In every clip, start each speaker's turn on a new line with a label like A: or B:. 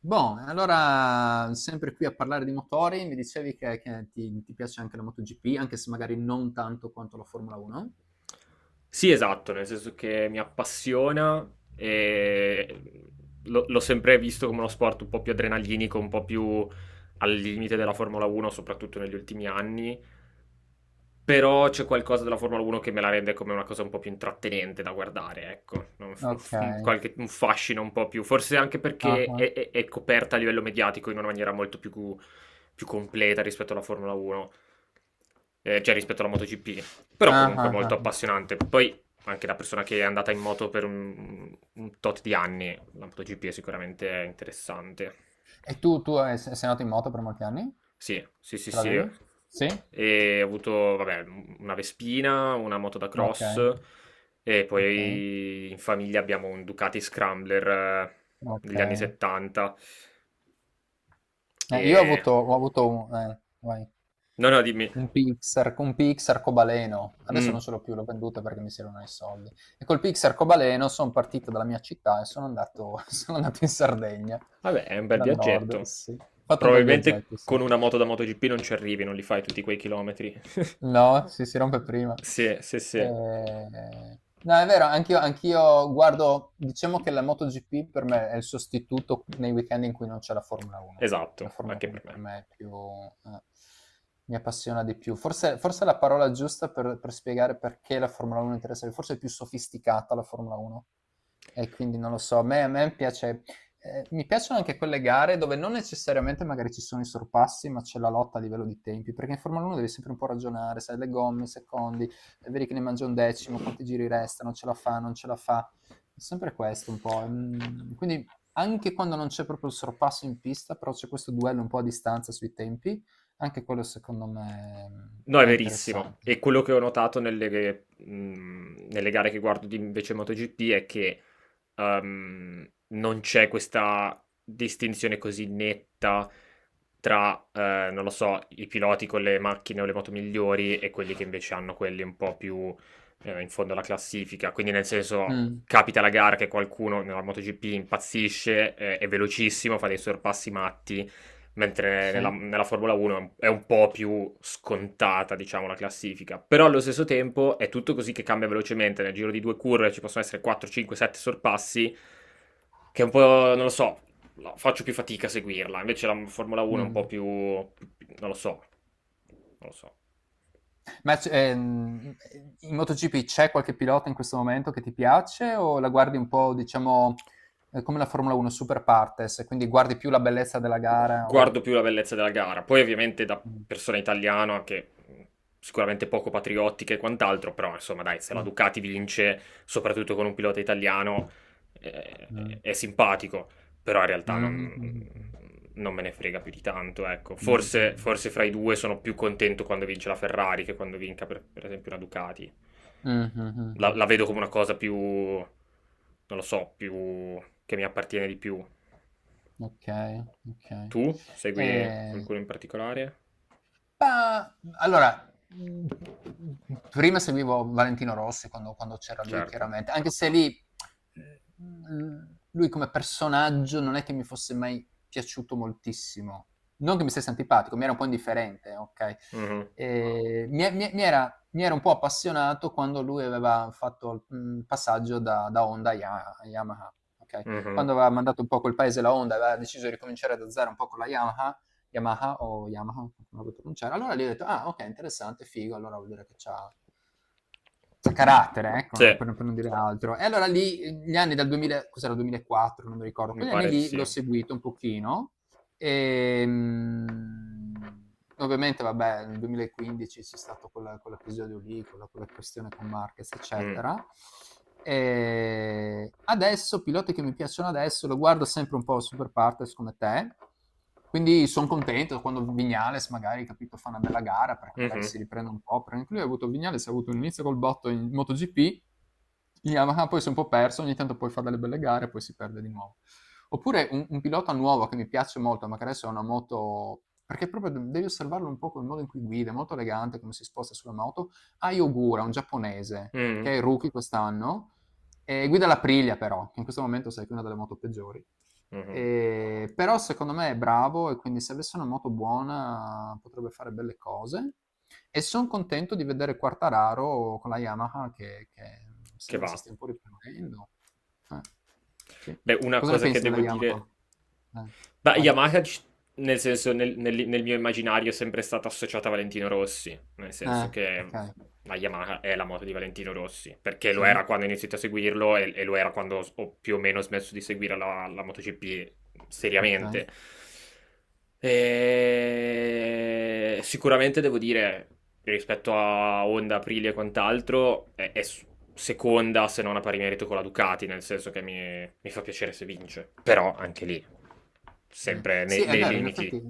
A: Boh, allora sempre qui a parlare di motori, mi dicevi che ti piace anche la MotoGP, anche se magari non tanto quanto la Formula 1.
B: Sì, esatto, nel senso che mi appassiona e l'ho sempre visto come uno sport un po' più adrenalinico, un po' più al limite della Formula 1, soprattutto negli ultimi anni, però c'è qualcosa della Formula 1 che me la rende come una cosa un po' più intrattenente da guardare, ecco. Un, f- un
A: Ok.
B: f- un
A: Ah,
B: qualche- un fascino un po' più, forse anche perché
A: ah.
B: è coperta a livello mediatico in una maniera molto più completa rispetto alla Formula 1, cioè rispetto alla MotoGP. Però
A: Ah,
B: comunque è
A: ah,
B: molto
A: ah.
B: appassionante. Poi, anche da persona che è andata in moto per un tot di anni, la MotoGP è sicuramente interessante.
A: E tu sei andato in moto per molti anni?
B: Sì, sì, sì,
A: Ce
B: sì.
A: l'avevi? Sì?
B: E ho avuto, vabbè, una Vespina, una moto da
A: Ok,
B: cross e
A: ok,
B: poi in famiglia abbiamo un Ducati Scrambler,
A: ok.
B: degli anni 70.
A: Io ho
B: E...
A: avuto, ho avuto
B: No, no, dimmi.
A: un Pix arcobaleno, adesso
B: Mm.
A: non ce l'ho più, l'ho venduto perché mi servono i soldi. E col Pix arcobaleno sono partito dalla mia città e sono andato, sono andato in Sardegna,
B: Vabbè, è un bel
A: dal nord,
B: viaggetto.
A: sì. Ho fatto un bel
B: Probabilmente
A: viaggetto, sì.
B: con una moto da MotoGP non ci arrivi, non li fai tutti quei chilometri.
A: No, si rompe prima.
B: Sì, sì, sì.
A: No, è vero, anch'io guardo, diciamo che la MotoGP per me è il sostituto nei weekend in cui non c'è la Formula 1. La
B: Esatto,
A: Formula
B: anche
A: 1
B: per
A: per
B: me.
A: me è più, mi appassiona di più. Forse la parola giusta per spiegare perché la Formula 1 interessa, forse è più sofisticata la Formula 1, e quindi non lo so, a me piace, mi piacciono anche quelle gare dove non necessariamente magari ci sono i sorpassi, ma c'è la lotta a livello di tempi, perché in Formula 1 devi sempre un po' ragionare, sai, le gomme, secondi, vedi che ne mangia un decimo, quanti giri restano, ce la fa, non ce la fa. È sempre questo un po'. Quindi anche quando non c'è proprio il sorpasso in pista, però c'è questo duello un po' a distanza sui tempi, anche quello secondo me,
B: No, è
A: è
B: verissimo. E
A: interessante.
B: quello che ho notato nelle gare che guardo di invece MotoGP è che non c'è questa distinzione così netta tra, non lo so, i piloti con le macchine o le moto migliori e quelli che invece hanno quelli un po' più, in fondo alla classifica. Quindi, nel senso,
A: Mm,
B: capita la gara che qualcuno nella MotoGP impazzisce, è velocissimo, fa dei sorpassi matti mentre nella,
A: sì.
B: nella Formula 1 è un po' più scontata, diciamo, la classifica. Però allo stesso tempo è tutto così che cambia velocemente, nel giro di due curve ci possono essere 4, 5, 7 sorpassi, che è un po', non lo so, no, faccio più fatica a seguirla. Invece la Formula 1 è un po'
A: Mm.
B: più, lo so, non lo so.
A: Ma in MotoGP c'è qualche pilota in questo momento che ti piace o la guardi un po', diciamo, come la Formula 1, super partes, quindi guardi più la bellezza della gara o...
B: Guardo più la bellezza della gara. Poi ovviamente da persona italiana che sicuramente poco patriottica e quant'altro, però insomma dai, se la Ducati vince, soprattutto con un pilota italiano, è simpatico, però in realtà non me ne frega più di tanto, ecco. Forse fra i due sono più contento quando vince la Ferrari che quando vinca per esempio una Ducati. La vedo come una cosa più, non lo so, più che mi appartiene di più.
A: Ok, ok.
B: Tu segui
A: Eh,
B: qualcuno in particolare?
A: Ma allora, prima seguivo Valentino Rossi quando c'era lui
B: Certo.
A: chiaramente, anche se lì, mhmm, lui come personaggio non è che mi fosse mai piaciuto moltissimo. Non che mi stesse antipatico, mi era un po' indifferente, okay.
B: Mhm,
A: Mi era un po' appassionato quando lui aveva fatto, il passaggio da Honda a Yamaha, okay.
B: mhm.
A: Quando aveva mandato un po' a quel paese la Honda, aveva deciso di ricominciare da zero un po' con la Yamaha, Yamaha o Yamaha, non so come pronunciare. Allora lì ho detto, ah ok, interessante, figo, allora vuol dire che c'ha carattere, ecco,
B: Sì,
A: no, per non dire altro. E allora lì, gli anni dal 2000, cos'era, 2004, non mi ricordo,
B: mi
A: quegli anni
B: pare di
A: lì l'ho
B: sì.
A: seguito un pochino, e, ovviamente, vabbè, nel 2015 c'è stato quell'episodio lì, quella questione con Marquez,
B: Mm,
A: eccetera. E adesso, piloti che mi piacciono adesso, lo guardo sempre un po' super partners come te. Quindi sono contento quando Vignales magari, capito, fa una bella gara perché magari
B: mhm,
A: si riprende un po'. Perché lui ha avuto Vignales, ha avuto un inizio col botto in MotoGP, in Yamaha poi si è un po' perso, ogni tanto poi fa delle belle gare e poi si perde di nuovo. Oppure un pilota nuovo che mi piace molto, ma che adesso è una moto perché proprio devi osservarlo un po' col modo in cui guida, è molto elegante come si sposta sulla moto. Ai Ogura, un giapponese,
B: mhm,
A: che è il rookie quest'anno, e guida la Priglia però, che in questo momento sai che è una delle moto peggiori.
B: mhm.
A: Però secondo me è bravo e quindi se avesse una moto buona potrebbe fare belle cose. E sono contento di vedere Quartararo con la Yamaha che
B: Che
A: sembra si
B: va.
A: stia un po' riprendendo. Eh, sì.
B: Beh, una
A: Cosa ne
B: cosa che
A: pensi della
B: devo dire.
A: Yamaha? Eh,
B: Beh,
A: vai.
B: Yamaha, nel senso, nel mio immaginario è sempre stata associata a Valentino Rossi, nel senso che
A: Ok.
B: la Yamaha è la moto di Valentino Rossi, perché
A: Sì,
B: lo era quando ho iniziato a seguirlo e lo era quando ho più o meno smesso di seguire la MotoGP
A: ok.
B: seriamente. Sicuramente devo dire, rispetto a Honda, Aprilia e quant'altro, è seconda se non a pari merito con la Ducati, nel senso che mi fa piacere se vince. Però anche lì, sempre
A: Sì,
B: nei,
A: è
B: nei
A: vero, in
B: limiti.
A: effetti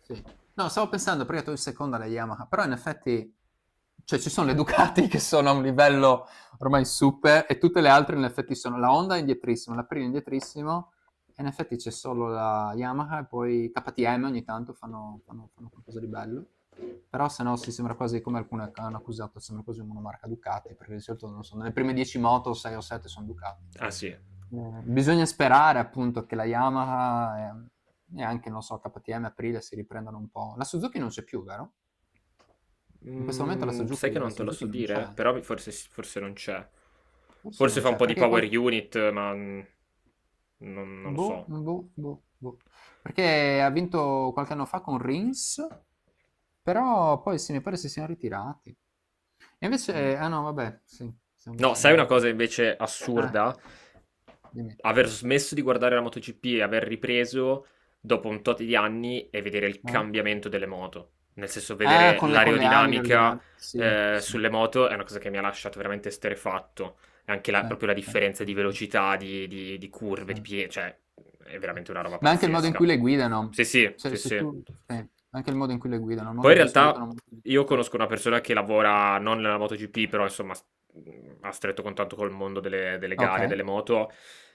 A: sì. No, stavo pensando prima tu in seconda alle Yamaha, però in effetti cioè ci sono le Ducati che sono a un livello ormai super e tutte le altre in effetti sono, la Honda è indietrissimo, la Prima è indietrissimo e in effetti c'è solo la Yamaha e poi KTM ogni tanto fanno qualcosa di bello. Però se no sì, sembra quasi come alcune che hanno accusato, sembra quasi una marca Ducati, perché di solito non so, nelle prime 10 moto 6 o 7 sono Ducati.
B: Ah sì.
A: Bisogna sperare appunto che la Yamaha, e, anche, non so, KTM, Aprilia si riprendano un po'. La Suzuki non c'è più, vero? In questo momento la
B: Sai che
A: Suzuki, la
B: non te lo
A: Suzuki
B: so
A: non
B: dire?
A: c'è,
B: Però forse non c'è.
A: forse
B: Forse
A: non
B: fa un
A: c'è,
B: po' di
A: perché
B: power unit, ma non lo
A: boh,
B: so.
A: boh, boh, boh. Perché ha vinto qualche anno fa con Rins, però poi sì, mi pare si siano ritirati. E invece,
B: Mm.
A: ah no, vabbè, sì, stiamo,
B: No, sai
A: stiamo
B: una
A: molto
B: cosa
A: giù.
B: invece
A: Ah,
B: assurda?
A: dimmi.
B: Aver smesso di guardare la MotoGP e aver ripreso dopo un tot di anni e vedere il
A: Ah?
B: cambiamento delle moto. Nel senso,
A: Ah,
B: vedere
A: con le ali, le
B: l'aerodinamica
A: ordinanze. Sì, sì,
B: sulle moto è una cosa che mi ha lasciato veramente esterrefatto anche la,
A: sì,
B: proprio la
A: sì,
B: differenza
A: sì, sì,
B: di
A: sì,
B: velocità, di curve, di piedi, cioè è
A: sì.
B: veramente una roba
A: Ma anche il modo in cui
B: pazzesca.
A: le guidano.
B: Sì, sì,
A: Cioè,
B: sì,
A: se
B: sì.
A: tu... sì, anche il modo in cui le guidano, il
B: Poi
A: modo
B: in
A: in cui si
B: realtà
A: buttano...
B: io
A: Ah,
B: conosco una persona che lavora non nella MotoGP, però insomma ha stretto contatto col mondo delle
A: ok,
B: gare, delle moto,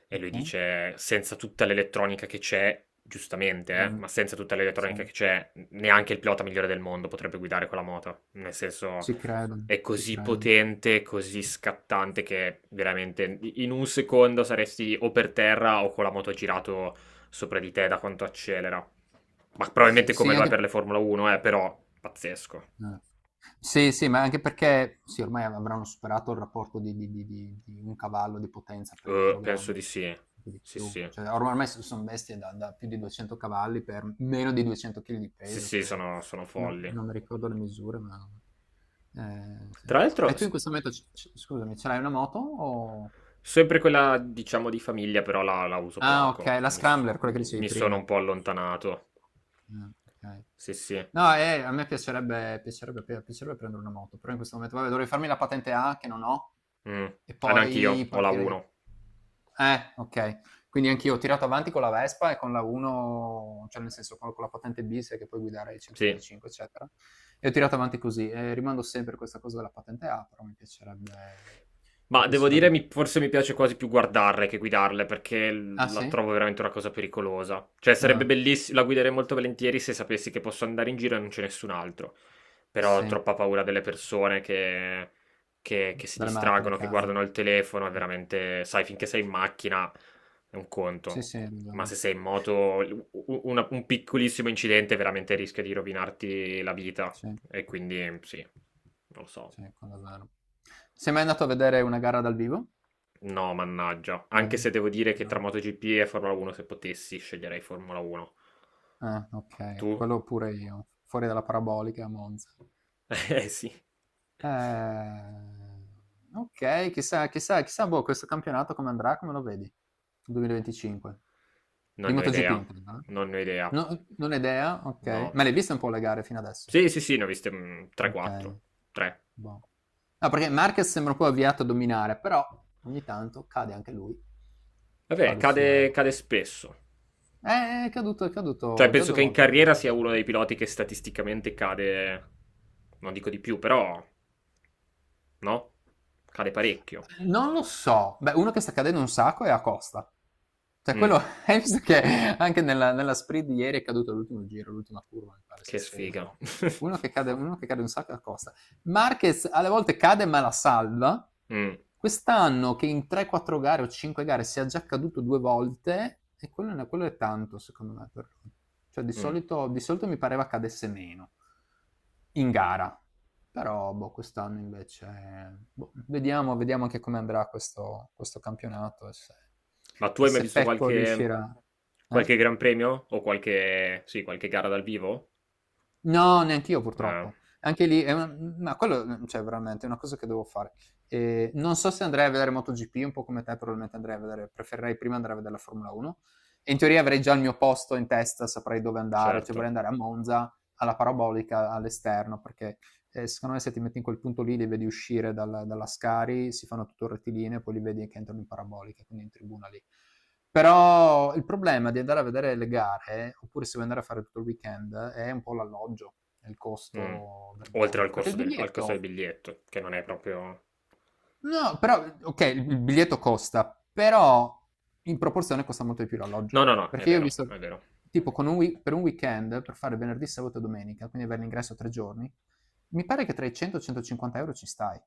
B: e lui
A: ok.
B: dice, senza tutta l'elettronica che c'è, giustamente,
A: Mm,
B: ma senza tutta l'elettronica
A: sì,
B: che c'è, neanche il pilota migliore del mondo potrebbe guidare quella moto. Nel senso,
A: Ci credo,
B: è
A: ci
B: così
A: credo.
B: potente, così scattante che veramente in un secondo saresti o per terra o con la moto girato sopra di te da quanto accelera. Ma
A: Sì,
B: probabilmente come
A: sì,
B: lo è per
A: anche...
B: le Formula 1, però pazzesco.
A: Mm. Sì, sì, ma anche perché sì, ormai avranno superato il rapporto di un cavallo di potenza per
B: Penso di
A: chilogrammo,
B: sì.
A: anche di
B: Sì,
A: più.
B: sì.
A: Cioè, ormai sono bestie da più di 200 cavalli per meno di 200 kg di
B: Sì,
A: peso,
B: sì,
A: credo.
B: sono
A: No,
B: folli.
A: non mi ricordo le misure, ma... sì.
B: Tra l'altro,
A: E tu in questo momento, scusami, ce l'hai una moto o...
B: sempre quella, diciamo, di famiglia, però la uso
A: Ah,
B: poco.
A: okay, la
B: Mi, s-
A: scrambler, quella che
B: mi-
A: dicevi
B: mi sono
A: prima.
B: un po' allontanato.
A: Ah, okay.
B: Sì, sì.
A: No, a me piacerebbe prendere una moto, però in questo momento vabbè, dovrei farmi la patente A che non ho
B: Mm.
A: e
B: Ah, neanch'io,
A: poi
B: ho la
A: partirei.
B: 1.
A: Okay. Quindi anch'io ho tirato avanti con la Vespa e con la 1, cioè nel senso con la patente B, sai che puoi guidare i
B: Sì,
A: 125 eccetera, e ho tirato avanti così, e rimando sempre a questa cosa della patente A, però mi piacerebbe mi
B: Ma devo dire,
A: piacerebbe
B: forse mi
A: prenderla.
B: piace quasi più guardarle che guidarle, perché
A: Ah,
B: la
A: sì?
B: trovo veramente una cosa pericolosa. Cioè, sarebbe
A: Ah,
B: bellissimo, la guiderei molto volentieri se sapessi che posso andare in giro e non c'è nessun altro. Però ho
A: sì.
B: troppa paura delle persone che si
A: Dalle, sì, macchine, sì,
B: distraggono,
A: sì,
B: che
A: cambiano.
B: guardano il telefono, è veramente. Sai, finché sei in macchina è un
A: Sì,
B: conto.
A: sì, hai
B: Ma
A: ragione.
B: se sei in moto, un piccolissimo incidente veramente rischia di rovinarti la vita.
A: Sì,
B: E quindi, sì, non lo so.
A: sì, quello è vero. Sei mai andato a vedere una gara dal vivo?
B: No, mannaggia.
A: No.
B: Anche se devo dire che tra
A: No.
B: MotoGP e Formula 1, se potessi, sceglierei Formula 1.
A: Ah, ok.
B: Tu?
A: Quello pure io. Fuori dalla parabolica a Monza. Sì.
B: Eh sì.
A: Eh, ok, chissà, chissà, chissà, boh, questo campionato come andrà, come lo vedi? 2025. Di
B: Non ne ho
A: MotoGP,
B: idea.
A: intendo, eh?
B: Non ne ho idea.
A: No, non ho idea, ok.
B: No.
A: Ma le hai viste un po' le gare fino adesso?
B: Sì, sì, sì, ne ho viste
A: Ok.
B: 3-4. 3.
A: Boh. No, perché Marquez sembra poi avviato a dominare, però ogni tanto cade anche lui, fa
B: Vabbè,
A: le sue...
B: cade, cade spesso.
A: È caduto, è
B: Cioè,
A: caduto già
B: penso
A: due
B: che in
A: volte quindi
B: carriera sia
A: quest'anno.
B: uno dei piloti che statisticamente cade. Non dico di più, però. No? Cade parecchio.
A: Non lo so. Beh, uno che sta cadendo un sacco è Acosta. Cioè quello
B: Mm,
A: hai visto che anche nella sprint di ieri è caduto all'ultimo giro, l'ultima curva, mi pare, si
B: che
A: è
B: sfiga.
A: steso. Uno che cade un sacco è Acosta. Marquez alle volte cade ma la salva.
B: Mm,
A: Quest'anno che in 3-4 gare o 5 gare sia già caduto due volte, e quello è tanto secondo me per lui. Cioè di
B: mm.
A: solito, di solito mi pareva cadesse meno in gara. Però boh, quest'anno invece boh, vediamo anche come andrà questo campionato e se,
B: Ma tu
A: e
B: hai mai
A: se
B: visto
A: Pecco
B: qualche,
A: riuscirà. Eh?
B: qualche Gran Premio? O sì, qualche gara dal vivo?
A: No, neanch'io
B: Eh,
A: purtroppo. Anche lì è una ma quello, cioè veramente è una cosa che devo fare. Non so se andrei a vedere MotoGP, un po' come te probabilmente andrei a vedere preferirei prima andare a vedere la Formula 1, e in teoria avrei già il mio posto in testa, saprei dove andare, cioè
B: certo.
A: vorrei andare a Monza, alla parabolica, all'esterno, perché, secondo me se ti metti in quel punto lì, li vedi uscire dalla Scari, si fanno tutto rettilineo, poi li vedi che entrano in parabolica, quindi in tribuna lì. Però il problema di andare a vedere le gare, oppure se vuoi andare a fare tutto il weekend, è un po' l'alloggio, è il
B: Mm.
A: costo
B: Oltre al
A: dell'alloggio. Perché
B: corso
A: il
B: del, al costo del
A: biglietto,
B: biglietto, che non è proprio.
A: no, però, ok, il biglietto costa, però in proporzione costa molto di più l'alloggio.
B: No, no, no, è
A: Perché io ho
B: vero, è
A: visto,
B: vero.
A: tipo, con per un weekend, per fare venerdì, sabato e domenica, quindi avere l'ingresso 3 giorni, mi pare che tra i 100 e i 150 euro ci stai.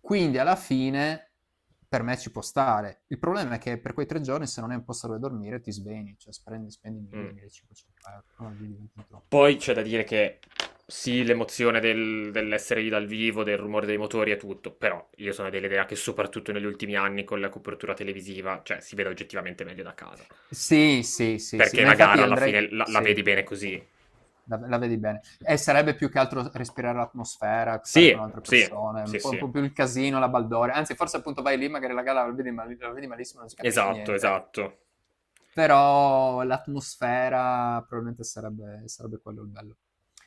A: Quindi alla fine per me ci può stare. Il problema è che per quei 3 giorni, se non hai un posto dove dormire, ti svegli, cioè spendi
B: Mh.
A: 1000-1500 euro, allora lì diventa troppo.
B: Poi c'è da dire che sì, l'emozione dell'essere lì dal vivo, del rumore dei motori e tutto, però io sono dell'idea che soprattutto negli ultimi anni con la copertura televisiva, cioè si vede oggettivamente meglio da casa.
A: Sì, sì, sì, sì,
B: Perché
A: ma
B: la
A: infatti
B: gara
A: io
B: alla
A: andrei,
B: fine la
A: sì,
B: vedi bene così.
A: la vedi bene. E sarebbe più che altro respirare l'atmosfera, stare
B: Sì,
A: con altre
B: sì,
A: persone,
B: sì,
A: un po', un
B: sì.
A: po' più il casino, la baldoria. Anzi, forse appunto vai lì, magari la gara la vedi, la vedi malissimo, non si capisce
B: Esatto,
A: niente.
B: esatto.
A: Però l'atmosfera probabilmente sarebbe quello il bello.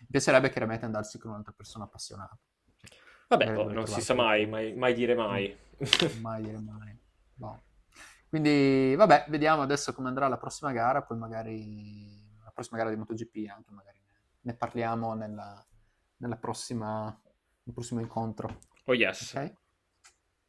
A: Mi piacerebbe chiaramente andarsi con un'altra persona appassionata. Sì,
B: Vabbè,
A: magari
B: oh,
A: dovrei
B: non si
A: trovare
B: sa mai,
A: qualcuno.
B: mai mai dire
A: Mm.
B: mai.
A: Mai dire mai. Boh. Quindi vabbè, vediamo adesso come andrà la prossima gara, poi magari la prossima gara di MotoGP anche magari ne parliamo nella prossima, nel prossimo incontro.
B: Oh yes.
A: Ok?